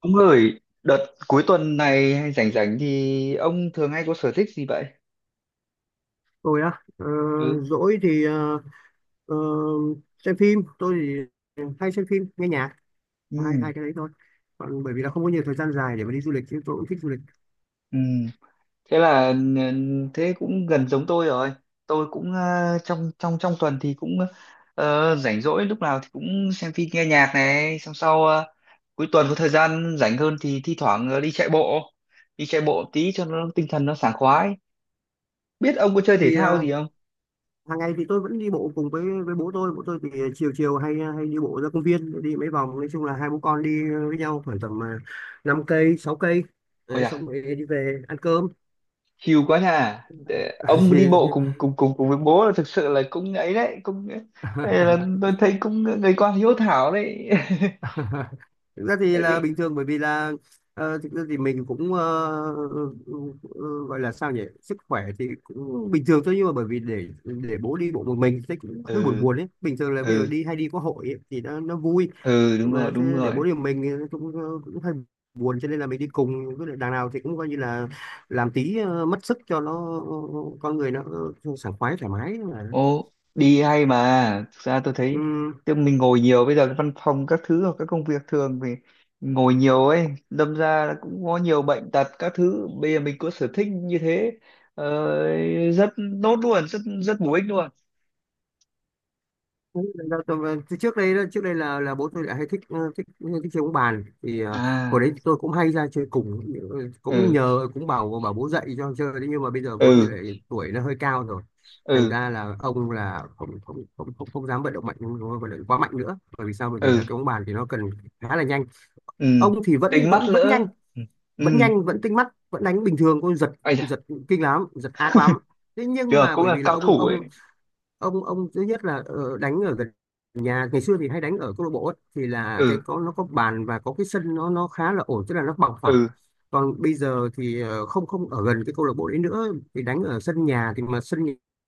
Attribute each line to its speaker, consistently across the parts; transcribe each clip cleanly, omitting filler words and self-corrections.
Speaker 1: Ông ơi, đợt cuối tuần này hay rảnh rảnh thì ông thường hay có sở thích gì vậy?
Speaker 2: Tôi á,
Speaker 1: Ừ.
Speaker 2: rỗi thì ờ, xem phim tôi thì hay xem phim nghe nhạc. hai
Speaker 1: Ừ.
Speaker 2: hai cái đấy thôi, còn bởi vì là không có nhiều thời gian dài để mà đi du lịch chứ tôi cũng thích du lịch.
Speaker 1: Ừ. Thế là thế cũng gần giống tôi rồi. Tôi cũng trong trong trong tuần thì cũng rảnh rỗi lúc nào thì cũng xem phim nghe nhạc này, xong sau cuối tuần có thời gian rảnh hơn thì thi thoảng đi chạy bộ tí cho nó tinh thần nó sảng khoái. Biết ông có chơi thể
Speaker 2: Thì
Speaker 1: thao gì không?
Speaker 2: hàng ngày thì tôi vẫn đi bộ cùng với bố tôi. Bố tôi thì chiều chiều hay hay đi bộ ra công viên đi mấy vòng, nói chung là hai bố con đi với nhau khoảng tầm 5 cây 6 cây.
Speaker 1: Ôi
Speaker 2: Đấy, xong rồi đi về ăn cơm.
Speaker 1: hiu quá nhà. Ông đi bộ cùng cùng cùng cùng với bố là thực sự là cũng ấy đấy, cũng đây là
Speaker 2: Thì
Speaker 1: tôi thấy cũng người con hiếu thảo đấy.
Speaker 2: thực ra thì
Speaker 1: Tại
Speaker 2: là
Speaker 1: vì
Speaker 2: bình thường, bởi vì là thực ra thì mình cũng ờ, gọi là sao nhỉ, sức khỏe thì cũng bình thường thôi, nhưng mà bởi vì để bố đi bộ một mình thì cũng hơi buồn
Speaker 1: ừ
Speaker 2: buồn ấy. Bình thường là ví dụ
Speaker 1: ừ
Speaker 2: đi hay đi có hội ấy, thì nó vui,
Speaker 1: ừ đúng rồi
Speaker 2: mà
Speaker 1: đúng
Speaker 2: thế để
Speaker 1: rồi,
Speaker 2: bố đi một mình thì nó cũng cũng hơi buồn, cho nên là mình đi cùng, với lại đằng nào thì cũng coi như là làm tí mất sức cho nó con người nó sảng khoái thoải mái
Speaker 1: ô đi hay, mà thực ra tôi thấy
Speaker 2: mà.
Speaker 1: chứ mình ngồi nhiều, bây giờ cái văn phòng các thứ hoặc các công việc thường thì ngồi nhiều ấy, đâm ra là cũng có nhiều bệnh tật các thứ. Bây giờ mình có sở thích như thế ờ, rất tốt luôn, rất rất bổ ích luôn.
Speaker 2: Đấy, từ trước đây đó, trước đây là bố tôi lại hay thích ờ, thích thích chơi bóng bàn, thì hồi
Speaker 1: À,
Speaker 2: đấy tôi cũng hay ra chơi cùng. Ừ, cũng
Speaker 1: ừ
Speaker 2: nhờ cũng bảo bảo bố dạy cho chơi đấy, nhưng mà bây giờ bố tôi
Speaker 1: ừ
Speaker 2: lại tuổi nó hơi cao rồi, thành
Speaker 1: ừ
Speaker 2: ra là ông là không không không không, không dám vận động mạnh, không vận động quá mạnh nữa. Bởi vì sao? Bởi vì là
Speaker 1: ừ
Speaker 2: cái bóng bàn thì nó cần khá là nhanh.
Speaker 1: ừ,
Speaker 2: Ông thì vẫn
Speaker 1: tính mắt
Speaker 2: vẫn vẫn
Speaker 1: lỡ,
Speaker 2: nhanh,
Speaker 1: ừ ừ,
Speaker 2: vẫn nhanh vẫn tinh mắt vẫn đánh bình thường. Ôi giật,
Speaker 1: ây da,
Speaker 2: giật kinh lắm, giật ác lắm. Thế nhưng
Speaker 1: chưa
Speaker 2: mà
Speaker 1: cũng
Speaker 2: bởi
Speaker 1: là
Speaker 2: vì là
Speaker 1: cao thủ ấy.
Speaker 2: ông thứ nhất là đánh ở gần nhà. Ngày xưa thì hay đánh ở câu lạc bộ ấy, thì là cái
Speaker 1: Ừ
Speaker 2: có nó có bàn và có cái sân, nó khá là ổn, tức là nó bằng phẳng.
Speaker 1: ừ
Speaker 2: Còn bây giờ thì không không ở gần cái câu lạc bộ đấy nữa, thì đánh ở sân nhà, thì mà sân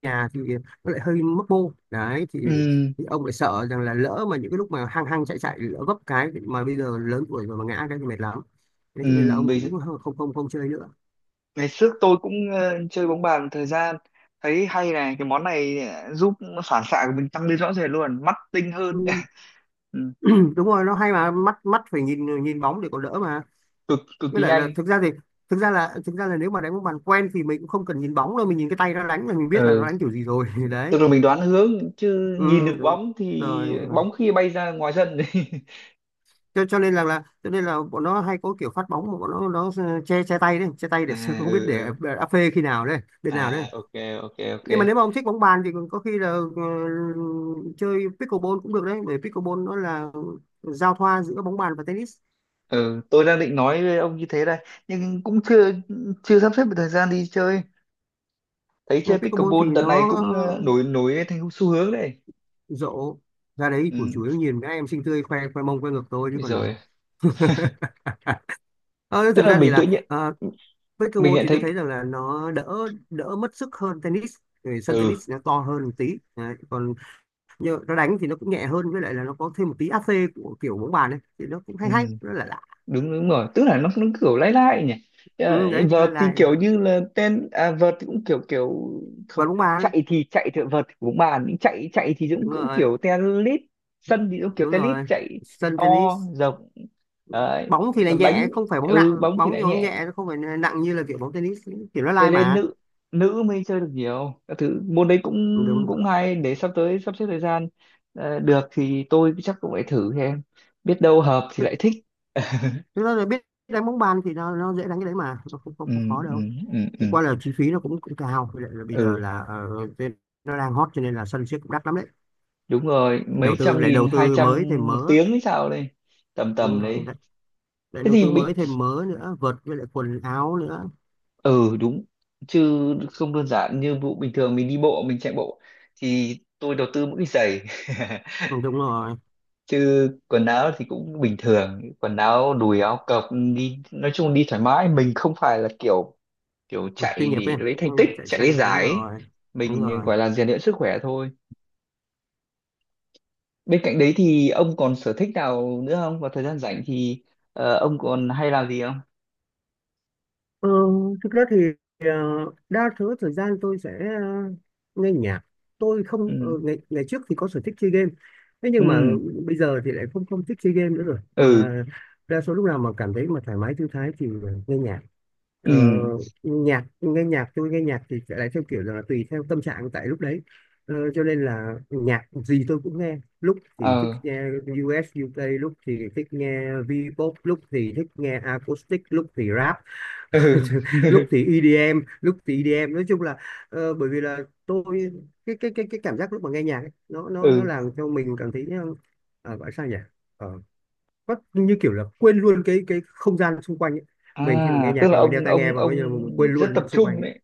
Speaker 2: nhà thì nó lại hơi mấp mô đấy
Speaker 1: ừ
Speaker 2: thì ông lại sợ rằng là lỡ mà những cái lúc mà hăng hăng chạy chạy lỡ vấp cái, mà bây giờ lớn tuổi rồi mà ngã cái thì mệt lắm. Thế
Speaker 1: ừ.
Speaker 2: cho nên là ông
Speaker 1: Bây giờ,
Speaker 2: cũng không chơi nữa.
Speaker 1: ngày trước tôi cũng chơi bóng bàn thời gian, thấy hay này, cái món này giúp phản xạ của mình tăng lên rõ rệt luôn, mắt tinh hơn.
Speaker 2: Ừ.
Speaker 1: Ừ,
Speaker 2: Đúng rồi, nó hay mà, mắt mắt phải nhìn nhìn bóng để còn đỡ mà,
Speaker 1: cực cực
Speaker 2: với
Speaker 1: kỳ
Speaker 2: lại là
Speaker 1: nhanh.
Speaker 2: thực ra thì thực ra là nếu mà đánh bóng bàn quen thì mình cũng không cần nhìn bóng đâu, mình nhìn cái tay nó đánh là mình biết là nó
Speaker 1: Ừ,
Speaker 2: đánh kiểu gì rồi. Đấy,
Speaker 1: tức là mình đoán hướng chứ
Speaker 2: ừ,
Speaker 1: nhìn được
Speaker 2: đúng
Speaker 1: bóng
Speaker 2: rồi
Speaker 1: thì
Speaker 2: đúng rồi.
Speaker 1: bóng khi bay ra ngoài sân.
Speaker 2: Cho, cho nên là, là cho nên là bọn nó hay có kiểu phát bóng mà bọn nó che che tay đấy, che tay
Speaker 1: À,
Speaker 2: để không biết
Speaker 1: ừ
Speaker 2: để
Speaker 1: ừ.
Speaker 2: áp phê khi nào đấy, bên nào đấy.
Speaker 1: À, ok ok ok.
Speaker 2: Nhưng mà nếu mà ông thích bóng bàn thì có khi là ờ, chơi pickleball cũng được đấy, bởi pickleball nó là giao thoa giữa bóng bàn và tennis.
Speaker 1: Ừ, tôi đang định nói với ông như thế đây nhưng cũng chưa chưa sắp xếp được thời gian đi chơi. Thấy
Speaker 2: Ờ,
Speaker 1: chơi
Speaker 2: pickleball thì
Speaker 1: pickleball đợt này
Speaker 2: nó
Speaker 1: cũng nổi nổi thành xu hướng đấy.
Speaker 2: rộ ra đấy,
Speaker 1: Ừ.
Speaker 2: của chủ yếu nhìn mấy em xinh tươi khoe khoe mông khoe ngực thôi chứ
Speaker 1: Bây
Speaker 2: còn
Speaker 1: giờ
Speaker 2: à, ờ, thực
Speaker 1: tức là
Speaker 2: ra thì
Speaker 1: mình tự
Speaker 2: là
Speaker 1: nhiên mình
Speaker 2: pickleball
Speaker 1: nhận
Speaker 2: thì tôi
Speaker 1: thấy.
Speaker 2: thấy rằng là nó đỡ đỡ mất sức hơn tennis. Vì sân
Speaker 1: Ừ,
Speaker 2: tennis nó to hơn một tí. Đấy, còn như nó đánh thì nó cũng nhẹ hơn, với lại là nó có thêm một tí AC của kiểu bóng bàn ấy thì nó cũng
Speaker 1: ừ
Speaker 2: hay hay, nó là lạ.
Speaker 1: đúng đúng rồi, tức là nó kiểu lai lai nhỉ.
Speaker 2: Ừ, đấy nó là
Speaker 1: Vợt thì
Speaker 2: lạ mà,
Speaker 1: kiểu như là tên, à, vợt thì cũng kiểu kiểu,
Speaker 2: và
Speaker 1: không
Speaker 2: bóng bàn
Speaker 1: chạy thì vợt thì cũng bàn, nhưng chạy chạy thì cũng
Speaker 2: đúng
Speaker 1: cũng
Speaker 2: rồi
Speaker 1: kiểu tennis, sân thì cũng kiểu
Speaker 2: đúng
Speaker 1: tennis
Speaker 2: rồi
Speaker 1: chạy,
Speaker 2: sân
Speaker 1: to
Speaker 2: tennis,
Speaker 1: rộng. Đấy.
Speaker 2: bóng thì là
Speaker 1: Còn
Speaker 2: nhẹ
Speaker 1: đánh,
Speaker 2: không phải bóng nặng,
Speaker 1: bóng thì
Speaker 2: bóng thì
Speaker 1: đánh
Speaker 2: bóng
Speaker 1: nhẹ,
Speaker 2: nhẹ, nó không phải nặng như là kiểu bóng tennis, kiểu nó
Speaker 1: thế
Speaker 2: lai
Speaker 1: nên
Speaker 2: mà.
Speaker 1: nữ nữ mới chơi được, nhiều các thứ môn đấy cũng
Speaker 2: Ừ, đúng rồi.
Speaker 1: cũng hay, để sắp tới sắp xếp thời gian được thì tôi chắc cũng phải thử xem, biết đâu hợp thì
Speaker 2: Thực
Speaker 1: lại thích.
Speaker 2: thực ra là biết đánh bóng bàn thì nó dễ đánh cái đấy mà nó không không,
Speaker 1: Ừ,
Speaker 2: không khó
Speaker 1: ừ,
Speaker 2: đâu.
Speaker 1: ừ, ừ.
Speaker 2: Chẳng qua là chi phí nó cũng cũng cao. Với lại là bây giờ
Speaker 1: Ừ.
Speaker 2: là cái- nó đang hot cho nên là sân siếc cũng đắt lắm đấy,
Speaker 1: Đúng rồi, mấy
Speaker 2: đầu tư
Speaker 1: trăm
Speaker 2: lại
Speaker 1: nghìn,
Speaker 2: đầu
Speaker 1: hai
Speaker 2: tư
Speaker 1: trăm
Speaker 2: mới thêm
Speaker 1: một
Speaker 2: mớ.
Speaker 1: tiếng hay sao đây, tầm
Speaker 2: Đúng
Speaker 1: tầm
Speaker 2: rồi
Speaker 1: đấy.
Speaker 2: đấy, lại
Speaker 1: Thế
Speaker 2: đầu
Speaker 1: thì
Speaker 2: tư mới
Speaker 1: mình,
Speaker 2: thêm mớ nữa, vợt với lại quần áo nữa.
Speaker 1: ừ đúng, chứ không đơn giản như vụ bình thường mình đi bộ mình chạy bộ thì tôi đầu tư mỗi cái giày.
Speaker 2: Ừ, đúng rồi.
Speaker 1: Chứ quần áo thì cũng bình thường, quần áo đùi áo cộc, đi nói chung đi thoải mái, mình không phải là kiểu kiểu
Speaker 2: Ừ, chuyên
Speaker 1: chạy
Speaker 2: nghiệp
Speaker 1: để
Speaker 2: ấy,
Speaker 1: lấy thành
Speaker 2: ừ,
Speaker 1: tích,
Speaker 2: chạy
Speaker 1: chạy
Speaker 2: chuyên
Speaker 1: lấy
Speaker 2: nghiệp đúng
Speaker 1: giải ấy.
Speaker 2: rồi đúng
Speaker 1: Mình
Speaker 2: rồi.
Speaker 1: gọi là rèn luyện sức khỏe thôi. Bên cạnh đấy thì ông còn sở thích nào nữa không, vào thời gian rảnh thì ông còn hay làm gì không?
Speaker 2: Ờ, thực ra thì ờ, đa số thời gian tôi sẽ ờ, nghe nhạc. Tôi không
Speaker 1: Ừ.
Speaker 2: ngày ngày trước thì có sở thích chơi game. Thế
Speaker 1: Ừ
Speaker 2: nhưng mà bây giờ thì lại không không thích chơi game nữa rồi.
Speaker 1: ừ
Speaker 2: Mà đa số lúc nào mà cảm thấy mà thoải mái thư thái thì nghe nhạc.
Speaker 1: ừ
Speaker 2: Ờ, nhạc nghe nhạc tôi nghe nhạc thì sẽ lại theo kiểu là tùy theo tâm trạng tại lúc đấy. Ờ, cho nên là nhạc gì tôi cũng nghe. Lúc thì thích
Speaker 1: ờ
Speaker 2: nghe US UK, lúc thì thích nghe V-pop, lúc thì thích nghe acoustic, lúc thì rap,
Speaker 1: ừ.
Speaker 2: lúc thì EDM, nói chung là bởi vì là tôi, cái cảm giác lúc mà nghe nhạc ấy, nó
Speaker 1: Ừ.
Speaker 2: làm cho mình cảm thấy gọi sao nhỉ, ờ, có như kiểu là quên luôn cái không gian xung quanh ấy. Mình khi mà nghe
Speaker 1: À, tức
Speaker 2: nhạc
Speaker 1: là
Speaker 2: là mình đeo
Speaker 1: ông
Speaker 2: tai nghe
Speaker 1: ông
Speaker 2: và coi
Speaker 1: ông
Speaker 2: như là mình quên
Speaker 1: rất tập
Speaker 2: luôn xung quanh
Speaker 1: trung
Speaker 2: ấy.
Speaker 1: đấy,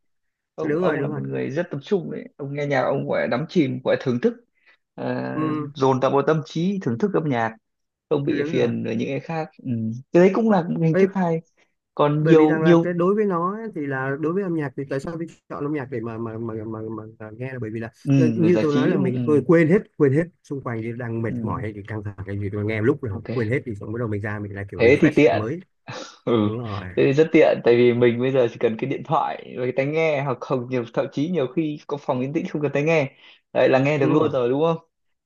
Speaker 1: ông
Speaker 2: Đúng rồi
Speaker 1: ông là
Speaker 2: đúng
Speaker 1: một
Speaker 2: rồi,
Speaker 1: người rất tập trung đấy, ông nghe nhạc, ông gọi là đắm chìm, gọi là thưởng thức. uh,
Speaker 2: ừ,
Speaker 1: Dồn tập vào tâm trí thưởng thức âm nhạc, không bị
Speaker 2: đúng rồi.
Speaker 1: phiền với những cái khác. Ừ. Cái đấy cũng là một hình
Speaker 2: Ê,
Speaker 1: thức hay, còn
Speaker 2: bởi vì
Speaker 1: nhiều
Speaker 2: rằng là cái
Speaker 1: nhiều.
Speaker 2: đối với nó ấy, thì là đối với âm nhạc thì tại sao mình chọn âm nhạc để mà nghe, là bởi vì là
Speaker 1: Ừ, để
Speaker 2: như
Speaker 1: giải
Speaker 2: tôi nói
Speaker 1: trí
Speaker 2: là
Speaker 1: đúng không?
Speaker 2: mình
Speaker 1: Ừ.
Speaker 2: quên quên hết xung quanh, thì đang mệt mỏi
Speaker 1: Ừ.
Speaker 2: hay thì căng thẳng cái gì tôi nghe một lúc là
Speaker 1: Ok,
Speaker 2: quên hết, thì xong bắt đầu mình ra mình lại kiểu
Speaker 1: thế thì
Speaker 2: refresh lại
Speaker 1: tiện,
Speaker 2: mới.
Speaker 1: ừ,
Speaker 2: Đúng rồi
Speaker 1: thế thì rất tiện tại vì mình bây giờ chỉ cần cái điện thoại và cái tai nghe, hoặc không nhiều, thậm chí nhiều khi có phòng yên tĩnh không cần tai nghe, đấy là nghe được
Speaker 2: đúng rồi
Speaker 1: luôn rồi đúng không?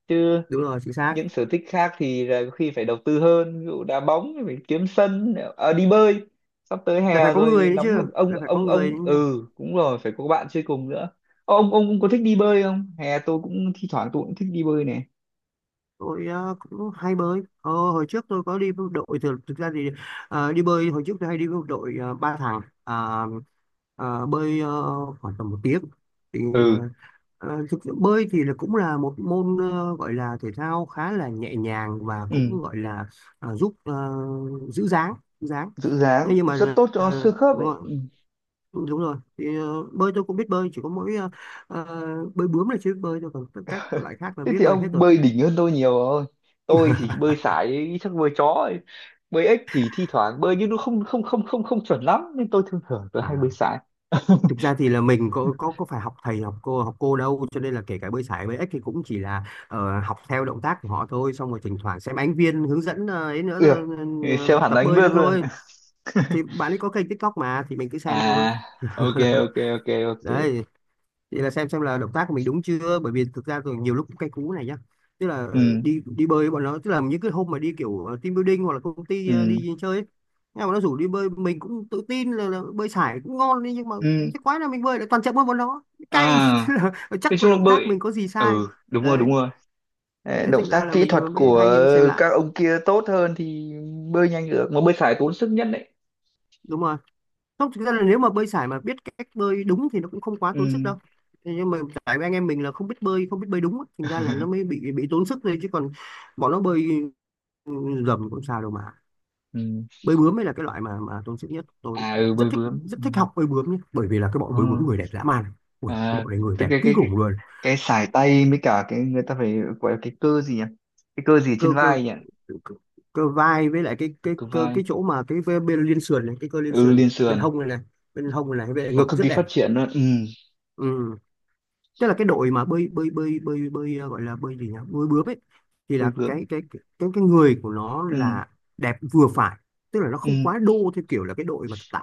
Speaker 1: Chứ
Speaker 2: đúng rồi chính xác.
Speaker 1: những sở thích khác thì là có khi phải đầu tư hơn, ví dụ đá bóng thì phải kiếm sân, à, đi bơi sắp tới
Speaker 2: Là phải
Speaker 1: hè
Speaker 2: có người
Speaker 1: rồi
Speaker 2: nữa chứ,
Speaker 1: nóng lực, ông
Speaker 2: là phải có
Speaker 1: ông
Speaker 2: người.
Speaker 1: ông ừ, cũng rồi phải có bạn chơi cùng nữa. Ô, ông cũng có thích đi bơi không? Hè tôi cũng thi thoảng tôi cũng thích đi bơi này.
Speaker 2: Tôi cũng hay bơi, hồi trước tôi có đi với đội thực ra thì đi bơi hồi trước tôi hay đi với đội ba thằng. À, bơi khoảng tầm một tiếng, thì
Speaker 1: Ừ
Speaker 2: ờ, thực sự bơi thì là cũng là một môn gọi là thể thao khá là nhẹ nhàng và
Speaker 1: ừ,
Speaker 2: cũng gọi là giúp giữ dáng, giữ dáng.
Speaker 1: giữ
Speaker 2: Thế
Speaker 1: dáng
Speaker 2: nhưng
Speaker 1: rất
Speaker 2: mà
Speaker 1: tốt cho xương khớp
Speaker 2: đúng
Speaker 1: ấy.
Speaker 2: rồi đúng rồi, thì bơi tôi cũng biết bơi, chỉ có mỗi ờ, bơi bướm là chưa biết bơi thôi, còn các loại khác là
Speaker 1: Thế
Speaker 2: biết
Speaker 1: thì
Speaker 2: bơi hết
Speaker 1: ông
Speaker 2: rồi.
Speaker 1: bơi đỉnh hơn tôi nhiều rồi, tôi chỉ bơi sải chắc bơi chó ấy. Bơi ếch thì thi thoảng bơi nhưng nó không không không không không chuẩn lắm nên tôi thường thường tôi hay
Speaker 2: À,
Speaker 1: bơi sải.
Speaker 2: thực ra thì là mình có phải học thầy, học cô, đâu, cho nên là kể cả bơi sải bơi ếch thì cũng chỉ là học theo động tác của họ thôi, xong rồi thỉnh thoảng xem ánh viên hướng dẫn ấy nữa,
Speaker 1: Ừ, xem hẳn
Speaker 2: tập
Speaker 1: đánh
Speaker 2: bơi
Speaker 1: bơi
Speaker 2: nữa
Speaker 1: luôn.
Speaker 2: thôi, thì bạn ấy có kênh TikTok mà thì mình cứ xem thôi.
Speaker 1: À, ok ok ok ok.
Speaker 2: Đấy, thì là xem là động tác của mình đúng chưa, bởi vì thực ra rồi nhiều lúc cũng cay cú này nhá. Tức là
Speaker 1: Ừ
Speaker 2: đi đi bơi với bọn nó, tức là những cái hôm mà đi kiểu team building hoặc là công ty
Speaker 1: ừ
Speaker 2: đi chơi ấy, nhưng mà bọn nó rủ đi bơi mình cũng tự tin là, bơi sải cũng ngon đi, nhưng mà
Speaker 1: ừ.
Speaker 2: cái quái là mình bơi lại toàn chậm hơn bọn nó,
Speaker 1: À,
Speaker 2: cay. Tức là
Speaker 1: nói
Speaker 2: chắc là
Speaker 1: chung là
Speaker 2: động tác
Speaker 1: bơi.
Speaker 2: mình có gì sai.
Speaker 1: Ừ đúng rồi đúng
Speaker 2: Đấy,
Speaker 1: rồi. Ờ,
Speaker 2: đấy
Speaker 1: động
Speaker 2: thành ra
Speaker 1: tác
Speaker 2: là
Speaker 1: kỹ thuật
Speaker 2: mình mới
Speaker 1: của
Speaker 2: hay xem lại.
Speaker 1: các ông kia tốt hơn thì bơi nhanh được, mà bơi sải tốn sức nhất đấy.
Speaker 2: Đúng rồi. Không, thực ra là nếu mà bơi sải mà biết cách bơi đúng thì nó cũng không quá
Speaker 1: Ừ.
Speaker 2: tốn sức đâu. Thế nhưng mà tại vì anh em mình là không biết bơi, không biết bơi đúng á, thành ra là nó mới bị tốn sức thôi, chứ còn bọn nó bơi dầm cũng sao đâu mà.
Speaker 1: Ừ.
Speaker 2: Bơi bướm mới là cái loại mà tốn sức nhất. Tôi
Speaker 1: À, ừ
Speaker 2: rất
Speaker 1: bơi
Speaker 2: thích,
Speaker 1: bướm.
Speaker 2: rất
Speaker 1: Ừ.
Speaker 2: thích học bơi bướm nhé, bởi vì là cái
Speaker 1: Ờ.
Speaker 2: bọn bơi bướm người đẹp dã man. Ui, cái
Speaker 1: À,
Speaker 2: bọn này người
Speaker 1: tức
Speaker 2: đẹp
Speaker 1: cái
Speaker 2: kinh
Speaker 1: cái cái,
Speaker 2: khủng luôn.
Speaker 1: cái sải tay với cả cái người ta phải gọi là cái cơ gì nhỉ, cái cơ gì
Speaker 2: Cơ
Speaker 1: trên
Speaker 2: cơ
Speaker 1: vai nhỉ.
Speaker 2: cơ, cơ vai, với lại cái
Speaker 1: Cơ
Speaker 2: cơ
Speaker 1: vai,
Speaker 2: cái chỗ mà cái bên liên sườn này, cái cơ liên
Speaker 1: ừ
Speaker 2: sườn này,
Speaker 1: liên
Speaker 2: bên
Speaker 1: sườn,
Speaker 2: hông này này, bên hông này này, với lại
Speaker 1: nó
Speaker 2: ngực
Speaker 1: cực
Speaker 2: rất
Speaker 1: kỳ
Speaker 2: đẹp.
Speaker 1: phát triển luôn. Ừ
Speaker 2: Ừ. Tức là cái đội mà bơi bơi bơi bơi bơi gọi là bơi gì nhỉ, bơi bướm ấy, thì
Speaker 1: bơi
Speaker 2: là
Speaker 1: bướm.
Speaker 2: cái người của nó
Speaker 1: Ừ
Speaker 2: là đẹp vừa phải, tức là nó
Speaker 1: ừ
Speaker 2: không quá đô theo kiểu là cái đội mà tạ,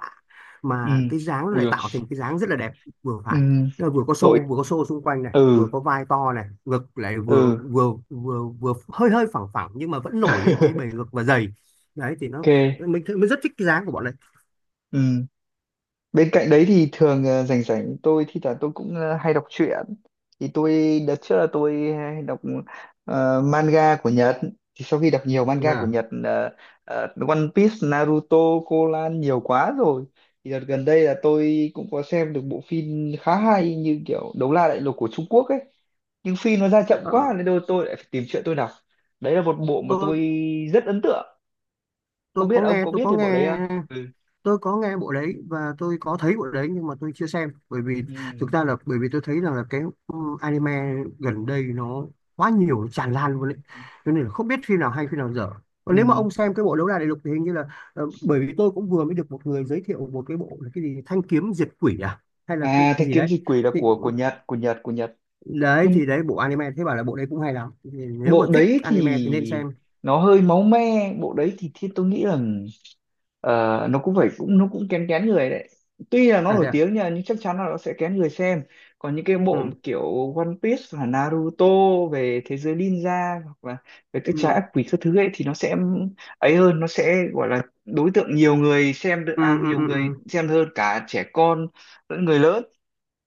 Speaker 1: ừ
Speaker 2: mà cái dáng nó
Speaker 1: ui
Speaker 2: lại
Speaker 1: rồi.
Speaker 2: tạo thành một cái dáng rất là đẹp vừa
Speaker 1: Ừ
Speaker 2: phải. Tức là vừa có
Speaker 1: đội.
Speaker 2: xô, vừa có xô xung quanh này, vừa
Speaker 1: Ừ
Speaker 2: có vai to này, ngực lại vừa
Speaker 1: ừ.
Speaker 2: vừa vừa vừa hơi hơi phẳng phẳng, nhưng mà vẫn nổi lên cái bề ngực và dày. Đấy thì nó
Speaker 1: Ok.
Speaker 2: mình rất thích cái dáng của bọn này.
Speaker 1: Ừ. Bên cạnh đấy thì thường rảnh rảnh tôi thi thoảng tôi cũng hay đọc truyện. Thì tôi đợt trước là tôi hay đọc manga của Nhật. Thì sau khi đọc nhiều manga của
Speaker 2: À,
Speaker 1: Nhật One Piece, Naruto, Conan nhiều quá rồi. Thì đợt gần đây là tôi cũng có xem được bộ phim khá hay, như kiểu Đấu La Đại Lục của Trung Quốc ấy. Nhưng phim nó ra chậm
Speaker 2: ờ,
Speaker 1: quá nên đôi tôi lại phải tìm truyện tôi đọc. Đấy là một bộ mà
Speaker 2: tôi
Speaker 1: tôi rất ấn tượng. Không
Speaker 2: tôi
Speaker 1: biết ông có biết
Speaker 2: có
Speaker 1: về bộ đấy
Speaker 2: nghe,
Speaker 1: không? Ừ.
Speaker 2: tôi có nghe bộ đấy và tôi có thấy bộ đấy, nhưng mà tôi chưa xem. Bởi vì thực
Speaker 1: Ừ.
Speaker 2: ra là bởi vì tôi thấy rằng là cái, ừ, anime gần đây nó quá nhiều, nó tràn lan luôn đấy, cho nên là không biết phim nào hay phim nào dở. Còn nếu mà
Speaker 1: Ừ.
Speaker 2: ông xem cái bộ đấu đá đại lục thì hình như là bởi vì tôi cũng vừa mới được một người giới thiệu một cái bộ là cái gì thanh kiếm diệt quỷ à, hay là cái
Speaker 1: À, Thanh
Speaker 2: gì
Speaker 1: kiếm
Speaker 2: đấy
Speaker 1: diệt quỷ là
Speaker 2: thì
Speaker 1: của Nhật, của Nhật, của Nhật. Nhưng
Speaker 2: đấy bộ anime, thế bảo là bộ đấy cũng hay lắm, thì nếu mà
Speaker 1: bộ
Speaker 2: thích
Speaker 1: đấy
Speaker 2: anime
Speaker 1: thì
Speaker 2: thì nên xem.
Speaker 1: nó hơi máu me, bộ đấy thì, tôi nghĩ là ờ, nó cũng phải, cũng nó cũng kén kén người đấy. Tuy là nó
Speaker 2: À thế
Speaker 1: nổi
Speaker 2: à,
Speaker 1: tiếng nha, nhưng chắc chắn là nó sẽ kén người xem. Còn những cái bộ
Speaker 2: ừ
Speaker 1: kiểu One Piece hoặc Naruto về thế giới ninja, hoặc là về các trái
Speaker 2: ừ
Speaker 1: ác quỷ các thứ ấy, thì nó sẽ ấy hơn, nó sẽ gọi là đối tượng nhiều người xem được,
Speaker 2: ừ
Speaker 1: à
Speaker 2: ừ
Speaker 1: nhiều
Speaker 2: ừ,
Speaker 1: người
Speaker 2: ừ.
Speaker 1: xem hơn, cả trẻ con lẫn người lớn.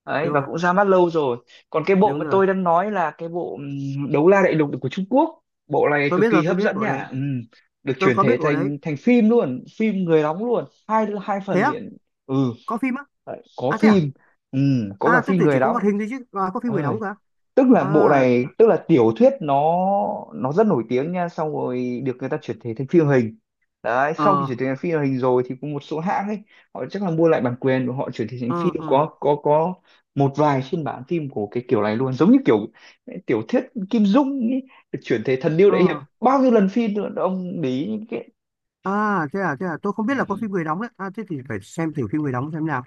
Speaker 1: Đấy,
Speaker 2: Đúng
Speaker 1: và
Speaker 2: rồi
Speaker 1: cũng ra mắt lâu rồi. Còn cái bộ
Speaker 2: đúng
Speaker 1: mà
Speaker 2: rồi,
Speaker 1: tôi đang nói là cái bộ Đấu La Đại Lục của Trung Quốc, bộ này
Speaker 2: tôi
Speaker 1: cực
Speaker 2: biết
Speaker 1: kỳ
Speaker 2: rồi, tôi
Speaker 1: hấp
Speaker 2: biết
Speaker 1: dẫn
Speaker 2: bộ đấy,
Speaker 1: nhá. Được
Speaker 2: tôi
Speaker 1: chuyển
Speaker 2: có biết
Speaker 1: thể
Speaker 2: bộ đấy.
Speaker 1: thành thành phim luôn, phim người đóng luôn, hai hai
Speaker 2: Thế
Speaker 1: phần
Speaker 2: á?
Speaker 1: liền. Ừ
Speaker 2: Có phim á?
Speaker 1: đấy, có
Speaker 2: À thế à?
Speaker 1: phim. Có cả
Speaker 2: À tôi
Speaker 1: phim
Speaker 2: tưởng chỉ
Speaker 1: người
Speaker 2: có hoạt
Speaker 1: đóng
Speaker 2: hình thôi chứ. À, có phim người
Speaker 1: ơi,
Speaker 2: đóng cả
Speaker 1: tức là bộ
Speaker 2: à?
Speaker 1: này, tức là tiểu thuyết nó rất nổi tiếng nha, xong rồi được người ta chuyển thể thành phim hình, đấy sau khi
Speaker 2: Ờ
Speaker 1: chuyển thể thành phim hình rồi thì có một số hãng ấy, họ chắc là mua lại bản quyền và họ chuyển thể thành phim,
Speaker 2: ờ ờ
Speaker 1: có một vài phiên bản phim của cái kiểu này luôn, giống như kiểu tiểu thuyết Kim Dung ấy, được chuyển thể thần điêu
Speaker 2: ờ.
Speaker 1: đại hiệp bao nhiêu lần phim nữa, ông để ý những
Speaker 2: À thế à, thế à, tôi không biết là có
Speaker 1: cái.
Speaker 2: phim người đóng đấy, à thế thì phải xem thử phim người đóng xem nào.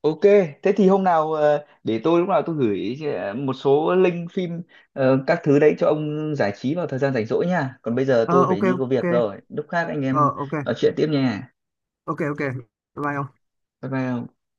Speaker 1: Ok, thế thì hôm nào để tôi lúc nào tôi gửi một số link phim các thứ đấy cho ông giải trí vào thời gian rảnh rỗi nha. Còn bây giờ
Speaker 2: Ờ,
Speaker 1: tôi phải
Speaker 2: ok,
Speaker 1: đi có
Speaker 2: ok,
Speaker 1: việc rồi. Lúc khác anh
Speaker 2: ờ,
Speaker 1: em
Speaker 2: ok,
Speaker 1: nói chuyện tiếp nha.
Speaker 2: ok, ok, bye. Bye ông.
Speaker 1: Bye bye ông.